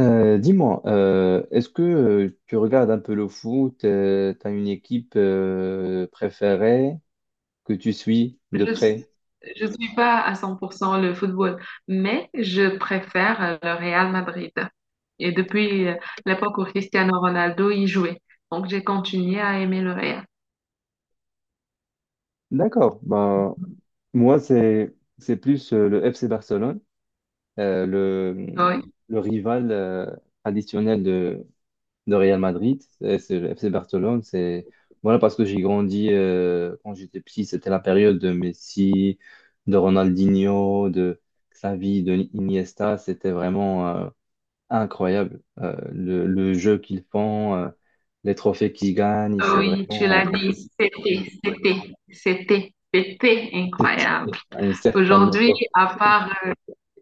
Est-ce que tu regardes un peu le foot, t'as une équipe préférée que tu suis de Je près? je suis pas à 100% le football, mais je préfère le Real Madrid. Et depuis l'époque où Cristiano Ronaldo y jouait, donc j'ai continué à aimer le Real. D'accord. Ben, moi, c'est plus le FC Barcelone, euh, le, Oui, le rival traditionnel de Real Madrid. C'est le FC Barcelone. C'est voilà parce que j'ai grandi quand j'étais petit, c'était la période de Messi, de Ronaldinho, de Xavi, de Iniesta. C'était vraiment incroyable. Le jeu qu'ils font, les trophées qu'ils gagnent, c'est oui, tu l'as vraiment dit, c'était incroyable. c'était à une certaine Aujourd'hui, époque. à part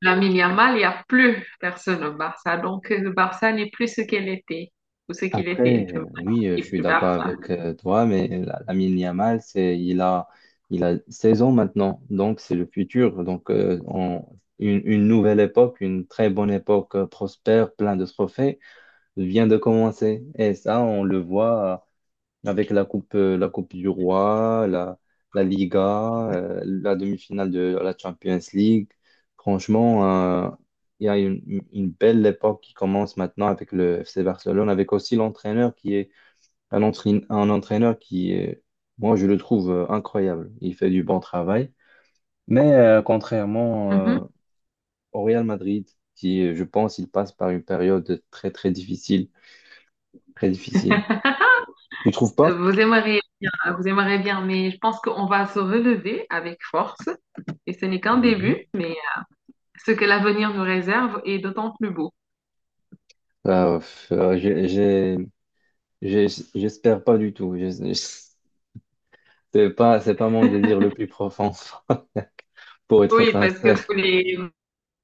Lamine Yamal, il n'y a plus personne au Barça. Donc, le Barça n'est plus ce qu'elle était, ou ce qu'il était. Après, Je veux dire, oui, il je est suis plus d'accord Barça. avec toi, mais Lamine Yamal, il a 16 ans maintenant, donc c'est le futur. Donc, une nouvelle époque, une très bonne époque prospère, plein de trophées, vient de commencer. Et ça, on le voit avec la coupe du Roi, la Liga, la demi-finale de la Champions League. Franchement, euh, il y a une belle époque qui commence maintenant avec le FC Barcelone, avec aussi l'entraîneur qui est un entraîneur qui est, moi, je le trouve incroyable. Il fait du bon travail. Mais contrairement Mhm. euh, au Real Madrid, qui, je pense, il passe par une période très, très difficile, très difficile. Tu trouves pas? Vous aimeriez bien, vous aimeriez bien, mais je pense qu'on va se relever avec force et ce n'est qu'un Mhm. début, mais ce que l'avenir nous réserve est d'autant plus beau. Pff, j'ai- J'espère pas du tout. C'est pas mon désir le plus profond, pour être Oui, parce que sincère.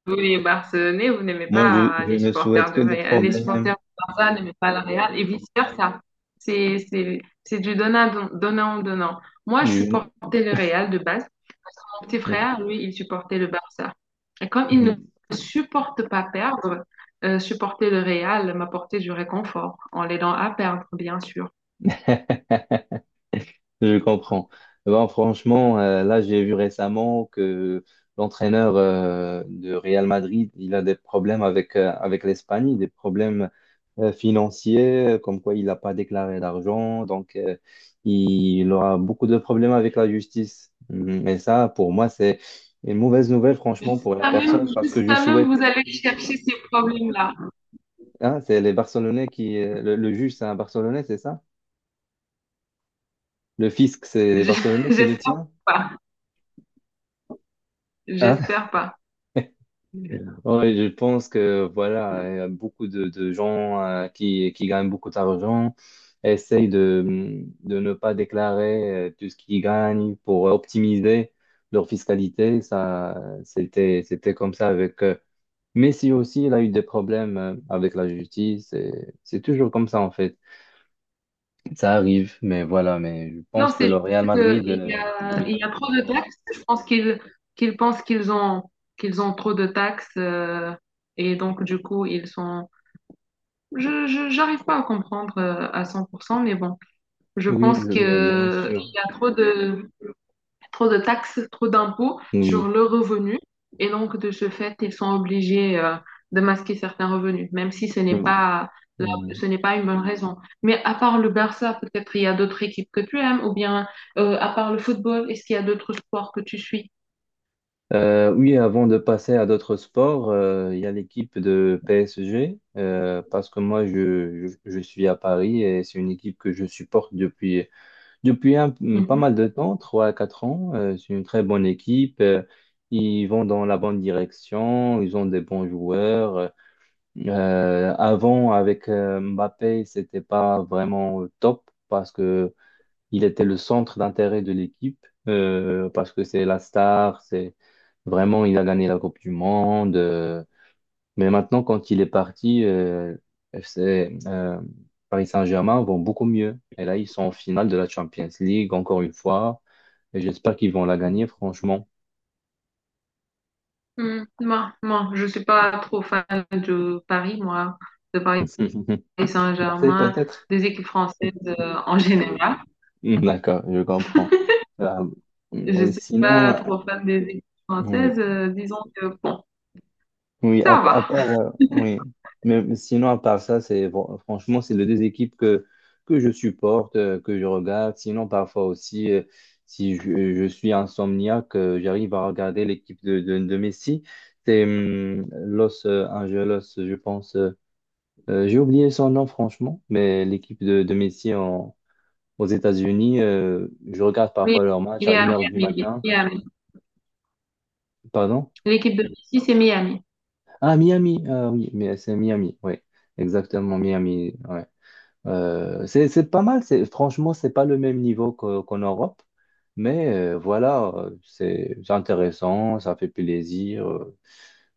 vous les Barcelonais, vous n'aimez Moi, pas je les ne supporters souhaite du que des Real, les problèmes. supporters du Barça n'aiment pas le Real et vice-versa. C'est du donnant, donnant, donnant. Moi, je Je- supportais le Real de base. Mon petit frère, lui, il supportait le Barça. Et comme il ne euh, supporte pas perdre, supporter le Real m'apportait du réconfort en l'aidant à perdre, bien sûr. Je comprends. Eh ben, franchement, là, j'ai vu récemment que l'entraîneur de Real Madrid, il a des problèmes avec, avec l'Espagne, des problèmes financiers, comme quoi il n'a pas déclaré d'argent. Donc, il aura beaucoup de problèmes avec la justice. Mm. Et ça, pour moi, c'est une mauvaise nouvelle, franchement, pour la Jusqu'à même, personne, parce que je jusqu'à souhaite… même, vous allez chercher ces problèmes-là. Hein, c'est les Barcelonais qui… le juge, c'est un Barcelonais, c'est ça? Le fisc, c'est les Je- Barcelonais qui le J'espère tient? pas. Hein? J'espère pas. Ouais, je pense que voilà, il y a beaucoup de gens qui gagnent beaucoup d'argent essayent de ne pas déclarer tout ce qu'ils gagnent pour optimiser leur fiscalité. Ça, c'était comme ça avec Messi aussi, il a eu des problèmes avec la justice. Et c'est toujours comme ça en fait. Ça arrive, mais voilà, mais je Non, pense que c'est le Real juste Madrid, oui, il y a trop de taxes. Je pense qu'ils pensent qu'ils ont trop de taxes et donc, du coup, ils sont. J'arrive pas à comprendre à 100%, mais bon. Je pense qu'il mais bien sûr, y a trop de taxes, trop d'impôts sur oui. le revenu. Et donc, de ce fait, ils sont obligés de masquer certains revenus, même si la- Mm. ce n'est pas une bonne raison. Mais à part le Barça, peut-être il y a d'autres équipes que tu aimes, ou bien à part le football, est-ce qu'il y a d'autres sports que tu suis? Oui, avant de passer à d'autres sports, il y a l'équipe de PSG, parce que moi, je suis à Paris et c'est une équipe que je supporte depuis pas Mhm. mal de temps, 3 à 4 ans. C'est une très bonne équipe. Euh, ils vont dans la bonne direction, ils ont des bons joueurs. Avant, avec Mbappé, c'était pas vraiment top. Parce que il était le centre d'intérêt de l'équipe parce que c'est la star, c'est vraiment, il a gagné la Coupe du Monde. Euh, mais maintenant, quand il est parti, euh, FC, euh, Paris Saint-Germain vont beaucoup mieux. Et là, ils sont en finale de la Champions League, encore une fois. Et j'espère qu'ils vont la gagner, franchement. Hmm, je suis pas trop fan de Paris, de Paris Marseille, Saint-Germain, peut-être. des équipes françaises en général. D'accord, je comprends. Euh, Je mais suis pas sinon, trop fan des équipes oui. françaises, disons que bon, Oui, ça à va. part, oui. Mais sinon, à part ça, c'est franchement, c'est les deux équipes que je supporte, que je regarde. Sinon, parfois aussi, si je, je suis insomniaque, j'arrive à regarder l'équipe de Messi. C'est Los Angeles, je pense. J'ai oublié son nom, franchement, mais l'équipe de Messi aux États-Unis, je regarde Oui, parfois leur match il à est une à heure du Miami. matin. Miami. Pardon? L'équipe de Messi, c'est Miami. Ah, Miami. Ah oui, mais c'est Miami, oui. Exactement, Miami. Ouais. C'est pas mal, c'est, franchement, c'est pas le même niveau qu'en Europe, mais c'est intéressant, ça fait plaisir. Euh,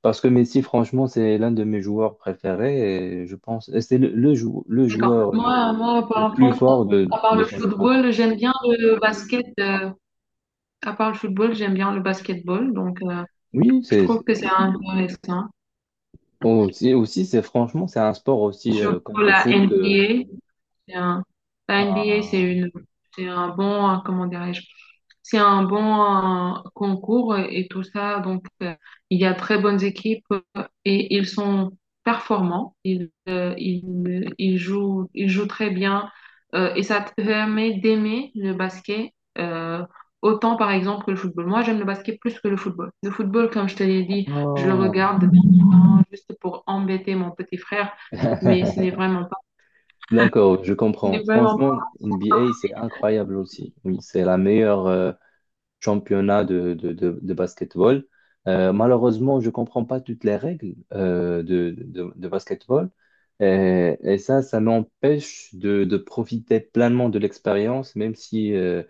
parce que Messi, franchement, c'est l'un de mes joueurs préférés et je pense, et c'est le D'accord. joueur le Par plus contre, fort à part de le son époque. football, j'aime bien le basket. À part le football, j'aime bien le basketball. Donc, Oui, je c'est trouve que c'est intéressant. Aussi, c'est franchement, c'est un sport aussi comme Surtout le la foot. NBA. Euh, C'est un, la NBA, ah. C'est un bon, comment dirais-je, c'est un bon concours et tout ça. Donc, il y a très bonnes équipes et ils sont performants. Ils jouent très bien et ça te permet d'aimer le basket euh, autant, par exemple, que le football. Moi, j'aime le basket plus que le football. Le football, comme je te l'ai dit, je le Oh. regarde vraiment juste pour embêter mon petit frère, mais ce n'est vraiment pas. D'accord, je Ce n'est comprends. vraiment. Franchement, NBA, c'est incroyable aussi. Oui, c'est la meilleure championnat de basketball. Malheureusement, je comprends pas toutes les règles de basketball. Et ça, ça m'empêche de profiter pleinement de l'expérience, même si euh,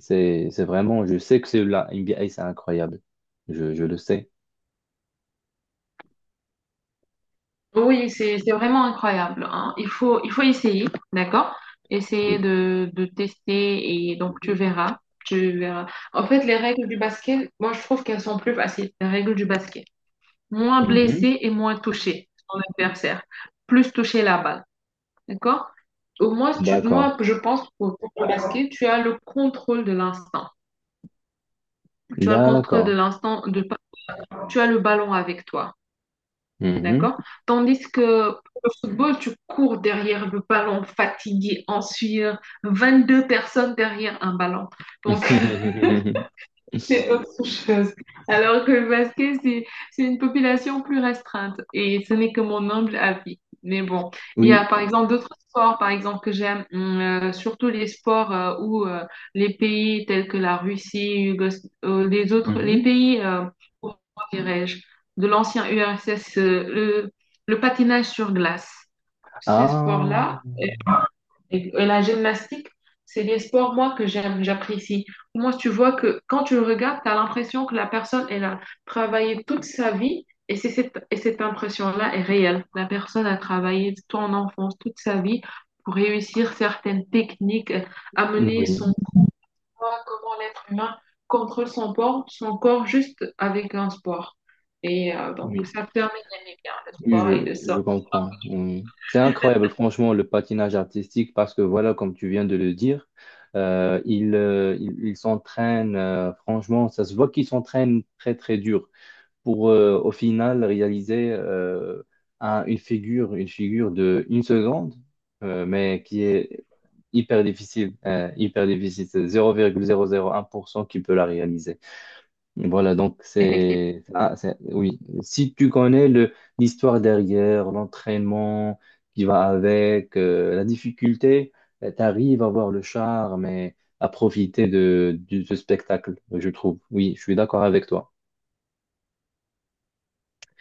c'est, c'est vraiment, je sais que c'est la NBA, c'est incroyable. Je le sais. Oui, c'est vraiment incroyable, hein. Il faut essayer, d'accord? Oui. De tester et donc tu verras. Tu verras. En fait, les règles du basket, moi, je trouve qu'elles sont plus faciles, les règles du basket. Moins Mhm. blessé et moins touché son adversaire. Plus toucher la balle, d'accord? Au moins, D'accord. Je pense que pour le basket, tu as le contrôle de l'instant. Tu as le contrôle de D'accord. l'instant, de, tu as le ballon avec toi. Mhm. D'accord? Tandis que pour le football, tu cours derrière le ballon, fatigué, en sueur, deux personnes derrière un ballon. Donc, c'est autre chose. Alors que le basket, c'est une population plus restreinte. Et ce n'est que mon humble avis. Mais bon, il y a Oui. par exemple d'autres sports, par exemple, que j'aime, surtout les sports où les pays tels que la Russie, les Mhm. pays, comment dirais-je, de l'ancien URSS, le patinage sur glace. Ces Ah, sports-là, et la gymnastique, c'est les sports, moi, que j'aime, j'apprécie. Moi, tu vois que quand tu le regardes, tu as l'impression que la personne, elle a travaillé toute sa vie et et cette impression-là est réelle. La personne a travaillé ton enfance, toute sa vie pour réussir certaines techniques, amener oui, son poids, comment l'être humain contrôle son corps juste avec un sport. Et donc, oui. ça permet d'aimer bien le Oui, sport et de ça. je comprends. Oui. C'est incroyable, franchement, le patinage artistique, parce que voilà, comme tu viens de le dire, ils s'entraînent, franchement, ça se voit qu'ils s'entraînent très, très dur pour au final réaliser une figure de une seconde, mais qui est hyper difficile, hyper difficile. C'est 0,001% qui peut la réaliser. Voilà, donc Effectivement. c'est ah, oui. Si tu connais le l'histoire derrière, l'entraînement qui va avec, la difficulté, tu arrives à voir le charme et à profiter de ce spectacle, je trouve. Oui, je suis d'accord avec toi.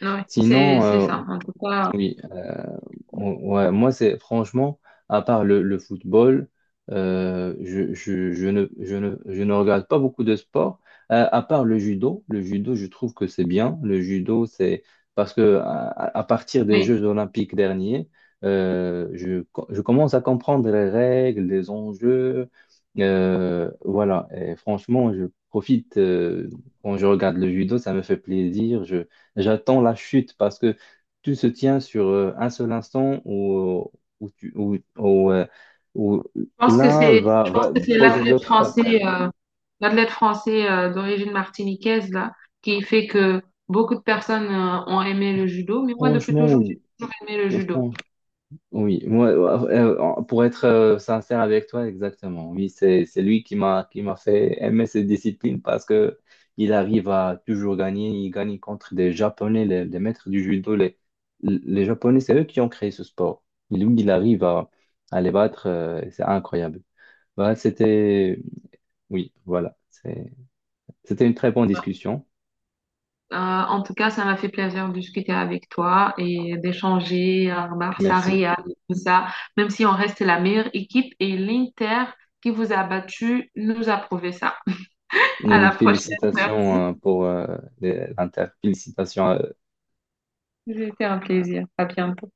Ouais, Sinon, c'est euh, ça. En tout cas, Oui, euh, ouais, moi c'est franchement, à part le football, je ne regarde pas beaucoup de sports, à part le judo. Le judo, je trouve que c'est bien. Le judo, c'est parce que à partir des oui. Jeux olympiques derniers, je commence à comprendre les règles, les enjeux. Voilà, et franchement, je profite quand je regarde le judo, ça me fait plaisir. J'attends la chute parce que tout se tient sur un seul instant où, où, tu- où- où, où l'un Je pense va que c'est poser l'athlète l'autre par français, terre. D'origine martiniquaise là, qui fait que beaucoup de personnes ont aimé le judo. Mais moi, depuis Franchement, toujours, j'ai oui. toujours aimé le Euh, judo. Fran- oui, moi, pour être sincère avec toi, exactement. Oui, c'est lui qui m'a fait aimer cette discipline parce que il arrive à toujours gagner. Il gagne contre des Japonais, les maîtres du judo. Les Japonais, c'est eux qui ont créé ce sport. Lui, il arrive à les battre. Euh, c'est incroyable. Voilà, c'était… Oui, voilà. C'était une très bonne discussion. En tout cas, ça m'a fait plaisir de discuter avec toi et d'échanger à Merci. Barça-Real et tout ça. Même si on reste la meilleure équipe et l'Inter qui vous a battu nous a prouvé ça. À Nous, une la prochaine. Merci. félicitation pour l'Inter. Félicitations C'était un plaisir. À bientôt.